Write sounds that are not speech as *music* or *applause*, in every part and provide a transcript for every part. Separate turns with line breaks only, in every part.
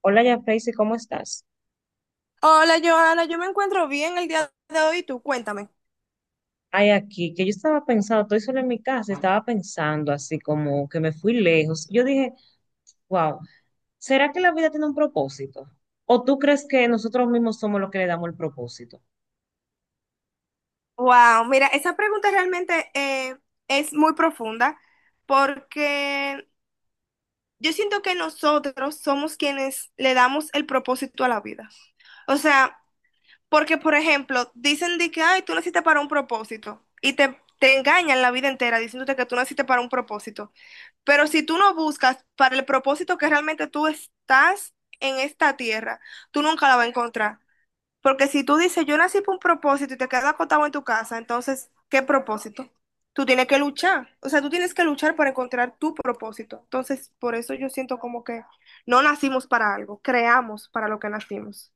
Hola, ya Freysi, ¿cómo estás?
Hola, Joana, yo me encuentro bien el día de hoy, tú cuéntame.
Ay, aquí, que yo estaba pensando, estoy sola en mi casa, estaba pensando así como que me fui lejos. Yo dije, wow, ¿será que la vida tiene un propósito? ¿O tú crees que nosotros mismos somos los que le damos el propósito?
Wow, mira, esa pregunta realmente es muy profunda porque yo siento que nosotros somos quienes le damos el propósito a la vida. O sea, porque por ejemplo, dicen de que, ay, tú naciste para un propósito y te engañan la vida entera diciéndote que tú naciste para un propósito. Pero si tú no buscas para el propósito que realmente tú estás en esta tierra, tú nunca la vas a encontrar. Porque si tú dices, yo nací por un propósito y te quedas acotado en tu casa, entonces, ¿qué propósito? Tú tienes que luchar. O sea, tú tienes que luchar para encontrar tu propósito. Entonces, por eso yo siento como que no nacimos para algo, creamos para lo que nacimos.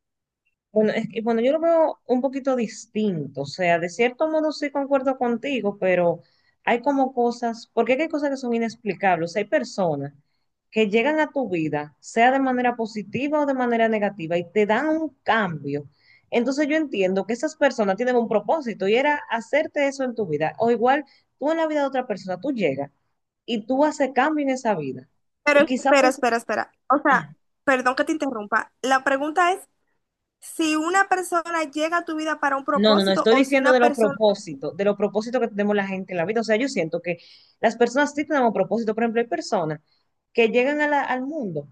Bueno, es que, bueno, yo lo veo un poquito distinto, o sea, de cierto modo sí concuerdo contigo, pero hay como cosas, porque es que hay cosas que son inexplicables, o sea, hay personas que llegan a tu vida, sea de manera positiva o de manera negativa, y te dan un cambio. Entonces yo entiendo que esas personas tienen un propósito y era hacerte eso en tu vida, o igual tú en la vida de otra persona, tú llegas y tú haces cambio en esa vida,
Pero
y quizá
espera,
pues...
espera, espera. O sea, perdón que te interrumpa. La pregunta es si una persona llega a tu vida para un
No, no, no,
propósito
estoy
o si
diciendo
una persona...
de los propósitos que tenemos la gente en la vida. O sea, yo siento que las personas sí tenemos propósito. Por ejemplo, hay personas que llegan a al mundo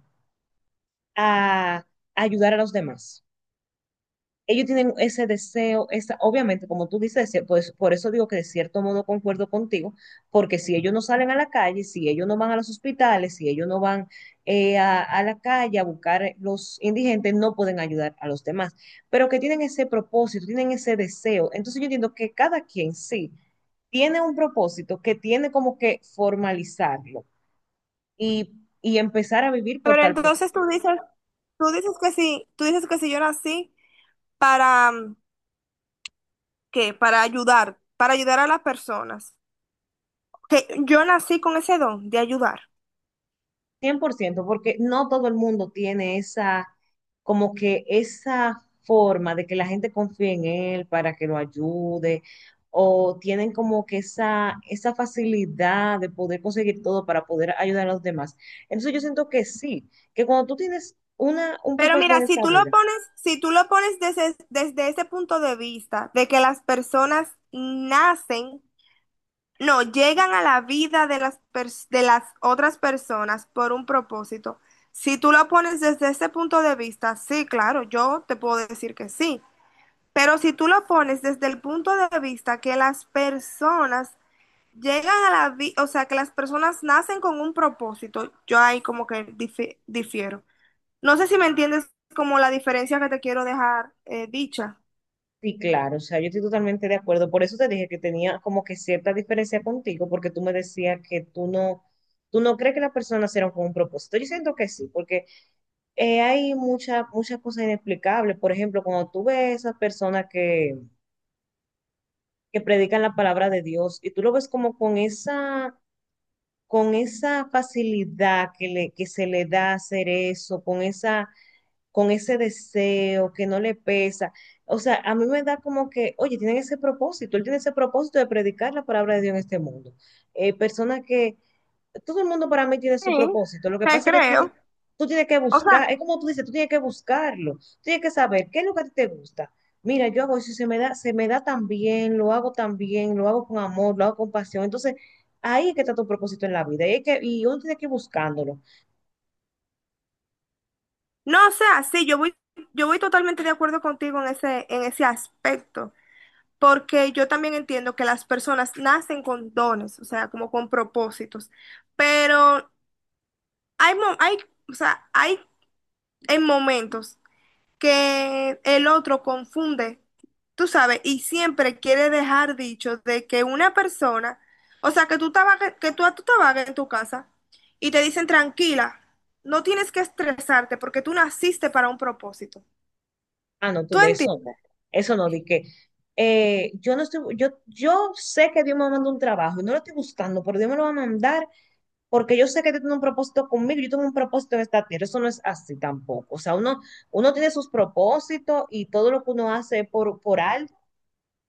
a ayudar a los demás, ellos tienen ese deseo, esa, obviamente, como tú dices, pues por eso digo que de cierto modo concuerdo contigo, porque si ellos no salen a la calle, si ellos no van a los hospitales, si ellos no van a la calle a buscar los indigentes, no pueden ayudar a los demás, pero que tienen ese propósito, tienen ese deseo. Entonces yo entiendo que cada quien sí tiene un propósito, que tiene como que formalizarlo y, y empezar a vivir por
Pero
tal propósito.
entonces tú dices que sí, tú dices que si yo nací para, que para ayudar a las personas. Que yo nací con ese don de ayudar.
Cien por ciento, porque no todo el mundo tiene esa, como que esa forma de que la gente confíe en él para que lo ayude, o tienen como que esa facilidad de poder conseguir todo para poder ayudar a los demás. Entonces yo siento que sí, que cuando tú tienes una, un
Pero
propósito
mira,
en
si
esta
tú lo
vida,
pones, si tú lo pones desde, desde ese punto de vista, de que las personas nacen, no, llegan a la vida de las, de las otras personas por un propósito. Si tú lo pones desde ese punto de vista, sí, claro, yo te puedo decir que sí. Pero si tú lo pones desde el punto de vista que las personas llegan a la vida, o sea, que las personas nacen con un propósito. Yo ahí como que difiero. No sé si me entiendes como la diferencia que te quiero dejar dicha.
sí, claro, o sea, yo estoy totalmente de acuerdo. Por eso te dije que tenía como que cierta diferencia contigo, porque tú me decías que tú no... ¿Tú no crees que las personas nacieron con un propósito? Yo siento que sí, porque hay muchas cosas inexplicables. Por ejemplo, cuando tú ves esas personas que predican la palabra de Dios y tú lo ves como con esa facilidad que, le, que se le da hacer eso, con esa, con ese deseo que no le pesa. O sea, a mí me da como que, oye, tienen ese propósito, él tiene ese propósito de predicar la palabra de Dios en este mundo. Personas que todo el mundo para mí tiene su
Sí,
propósito. Lo que
te
pasa es que
creo.
tú tienes que
O sea,
buscar, es como tú dices, tú tienes que buscarlo, tú tienes que saber qué es lo que a ti te gusta. Mira, yo hago eso, se me da tan bien, lo hago tan bien, lo hago con amor, lo hago con pasión. Entonces, ahí es que está tu propósito en la vida. Y, es que, y uno tiene que ir buscándolo.
no, o sea, sí, yo voy totalmente de acuerdo contigo en en ese aspecto, porque yo también entiendo que las personas nacen con dones, o sea, como con propósitos, pero hay, mo- hay, o sea, hay en momentos. Que el otro confunde, tú sabes, y siempre quiere dejar dicho de que una persona, o sea, que tú que tú te vagas en tu casa y te dicen tranquila, no tienes que estresarte porque tú naciste para un propósito.
Ah, no, tú
¿Tú
ves eso. No.
entiendes?
Eso no, di que yo no estoy, yo sé que Dios me manda un trabajo y no lo estoy buscando, pero Dios me lo va a mandar porque yo sé que tú tienes un propósito conmigo, yo tengo un propósito en esta tierra, eso no es así tampoco. O sea, uno, uno tiene sus propósitos y todo lo que uno hace por al,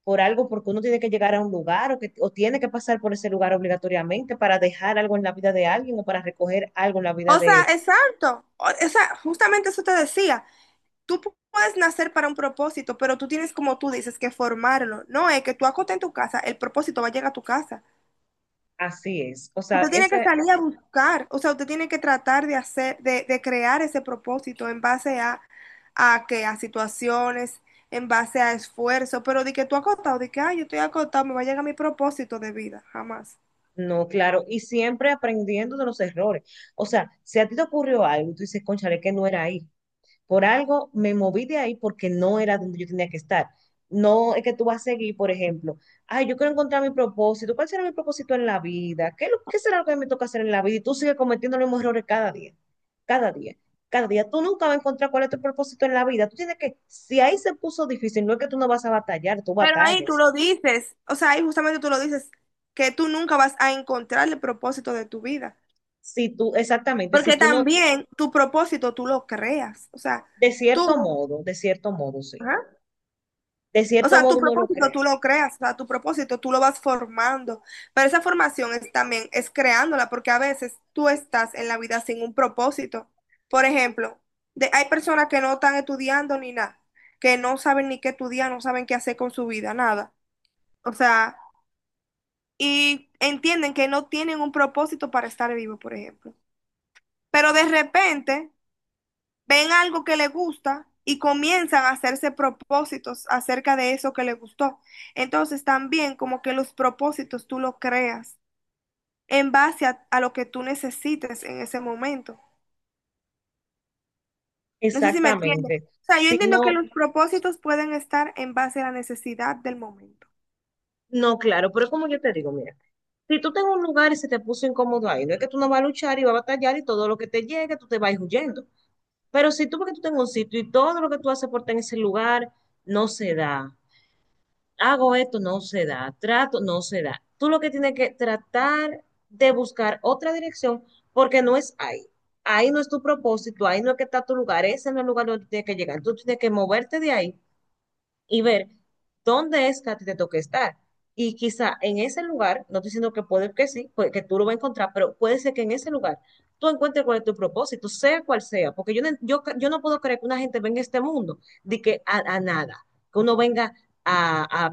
por algo, porque uno tiene que llegar a un lugar o, que, o tiene que pasar por ese lugar obligatoriamente para dejar algo en la vida de alguien o para recoger algo en la vida
O sea,
de...
exacto. O sea, justamente eso te decía. Tú puedes nacer para un propósito, pero tú tienes, como tú dices, que formarlo. No es que tú acotes en tu casa, el propósito va a llegar a tu casa.
Así es. O sea,
Usted tiene que
esa,
salir a buscar, o sea, usted tiene que tratar de hacer, de crear ese propósito en base a qué, a situaciones, en base a esfuerzo, pero de que tú acotado, de que, ay, yo estoy acotado, me va a llegar mi propósito de vida, jamás.
no, claro, y siempre aprendiendo de los errores. O sea, si a ti te ocurrió algo y tú dices, cónchale que no era ahí, por algo me moví de ahí porque no era donde yo tenía que estar. No es que tú vas a seguir, por ejemplo, ay, yo quiero encontrar mi propósito. ¿Cuál será mi propósito en la vida? ¿Qué, es lo- qué será lo que me toca hacer en la vida? Y tú sigues cometiendo los mismos errores cada día, cada día, cada día. Tú nunca vas a encontrar cuál es tu propósito en la vida. Tú tienes que, si ahí se puso difícil, no es que tú no vas a batallar, tú
Pero ahí tú
batallas.
lo dices, o sea, ahí justamente tú lo dices, que tú nunca vas a encontrar el propósito de tu vida,
Si tú, exactamente, si
porque
tú no,
también tu propósito tú lo creas, o sea, tú,
de cierto modo, sí.
ajá.
De
O
cierto
sea, tu
modo uno lo
propósito
crea.
tú lo creas, o sea, tu propósito tú lo vas formando, pero esa formación es también, es creándola, porque a veces tú estás en la vida sin un propósito. Por ejemplo, hay personas que no están estudiando ni nada, que no saben ni qué estudiar, no saben qué hacer con su vida, nada. O sea, y entienden que no tienen un propósito para estar vivo, por ejemplo. Pero de repente ven algo que le gusta y comienzan a hacerse propósitos acerca de eso que le gustó. Entonces también como que los propósitos tú los creas en base a lo que tú necesites en ese momento. No sé si me entiendes.
Exactamente.
O sea, yo
Si
entiendo que
no,
los propósitos pueden estar en base a la necesidad del momento.
no, claro, pero como yo te digo, mira, si tú tengo un lugar y se te puso incómodo ahí, no es que tú no vas a luchar y vas a batallar y todo lo que te llegue, tú te vas a ir huyendo. Pero si tú porque tú tengas un sitio y todo lo que tú haces por estar en ese lugar no se da, hago esto, no se da, trato, no se da. Tú lo que tienes que tratar de buscar otra dirección porque no es ahí. Ahí no es tu propósito, ahí no es que está tu lugar, ese no es el lugar donde tú tienes que llegar. Tú tienes que moverte de ahí y ver dónde es que a ti te toque estar. Y quizá en ese lugar, no estoy diciendo que puede que sí, puede que tú lo vas a encontrar, pero puede ser que en ese lugar tú encuentres cuál es tu propósito, sea cual sea, porque yo no, yo no puedo creer que una gente venga a este mundo de que a nada, que uno venga a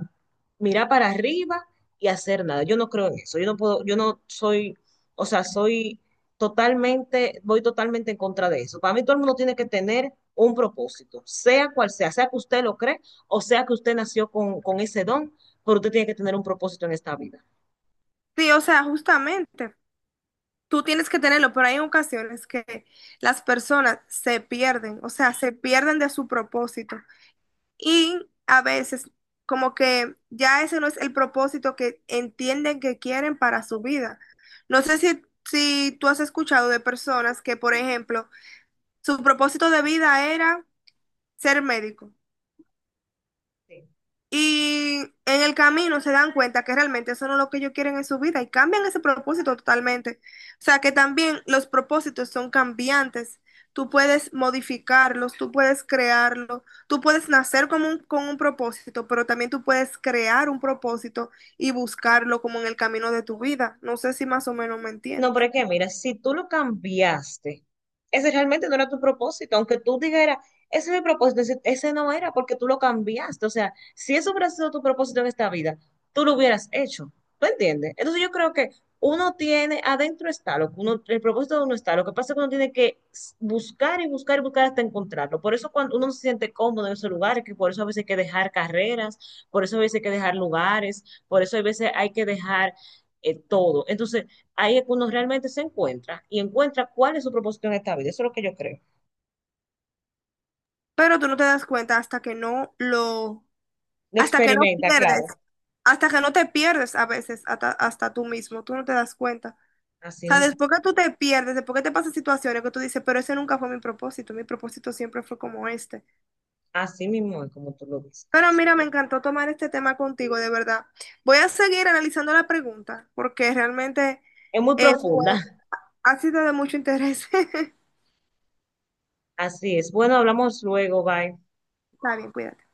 mirar para arriba y hacer nada. Yo no creo en eso, yo no puedo, yo no soy, o sea, soy totalmente, voy totalmente en contra de eso. Para mí todo el mundo tiene que tener un propósito, sea cual sea, sea que usted lo cree o sea que usted nació con ese don, pero usted tiene que tener un propósito en esta vida.
Sí, o sea, justamente. Tú tienes que tenerlo, pero hay ocasiones que las personas se pierden, o sea, se pierden de su propósito. Y a veces como que ya ese no es el propósito que entienden que quieren para su vida. No sé si, si tú has escuchado de personas que, por ejemplo, su propósito de vida era ser médico.
Sí.
Y en el camino se dan cuenta que realmente eso no es lo que ellos quieren en su vida y cambian ese propósito totalmente. O sea que también los propósitos son cambiantes. Tú puedes modificarlos, tú puedes crearlos, tú puedes nacer con un propósito, pero también tú puedes crear un propósito y buscarlo como en el camino de tu vida. No sé si más o menos me
No, pero
entiendes.
es que mira, si tú lo cambiaste, ese realmente no era tu propósito, aunque tú dijeras, ese es mi propósito, ese no era porque tú lo cambiaste. O sea, si eso hubiera sido tu propósito en esta vida, tú lo hubieras hecho. ¿Tú entiendes? Entonces yo creo que uno tiene, adentro está lo que uno, el propósito de uno está, lo que pasa es que uno tiene que buscar y buscar y buscar hasta encontrarlo. Por eso cuando uno no se siente cómodo en esos lugares, que por eso a veces hay que dejar carreras, por eso a veces hay que dejar lugares, por eso a veces hay que dejar todo. Entonces ahí es cuando realmente se encuentra y encuentra cuál es su propósito en esta vida. Eso es lo que yo creo.
Pero tú no te das cuenta hasta que no lo,
Lo
hasta que no
experimenta,
pierdes,
claro.
hasta que no te pierdes a veces hasta, hasta tú mismo, tú no te das cuenta.
Así
Sea,
mismo,
después que tú te pierdes, después que te pasan situaciones que tú dices, pero ese nunca fue mi propósito siempre fue como este.
así mismo es como tú lo ves.
Pero mira, me encantó tomar este tema contigo, de verdad. Voy a seguir analizando la pregunta porque realmente
Es muy
eh, fue-
profunda.
ha sido de mucho interés. *laughs*
Así es. Bueno, hablamos luego. Bye.
Está bien, cuídate.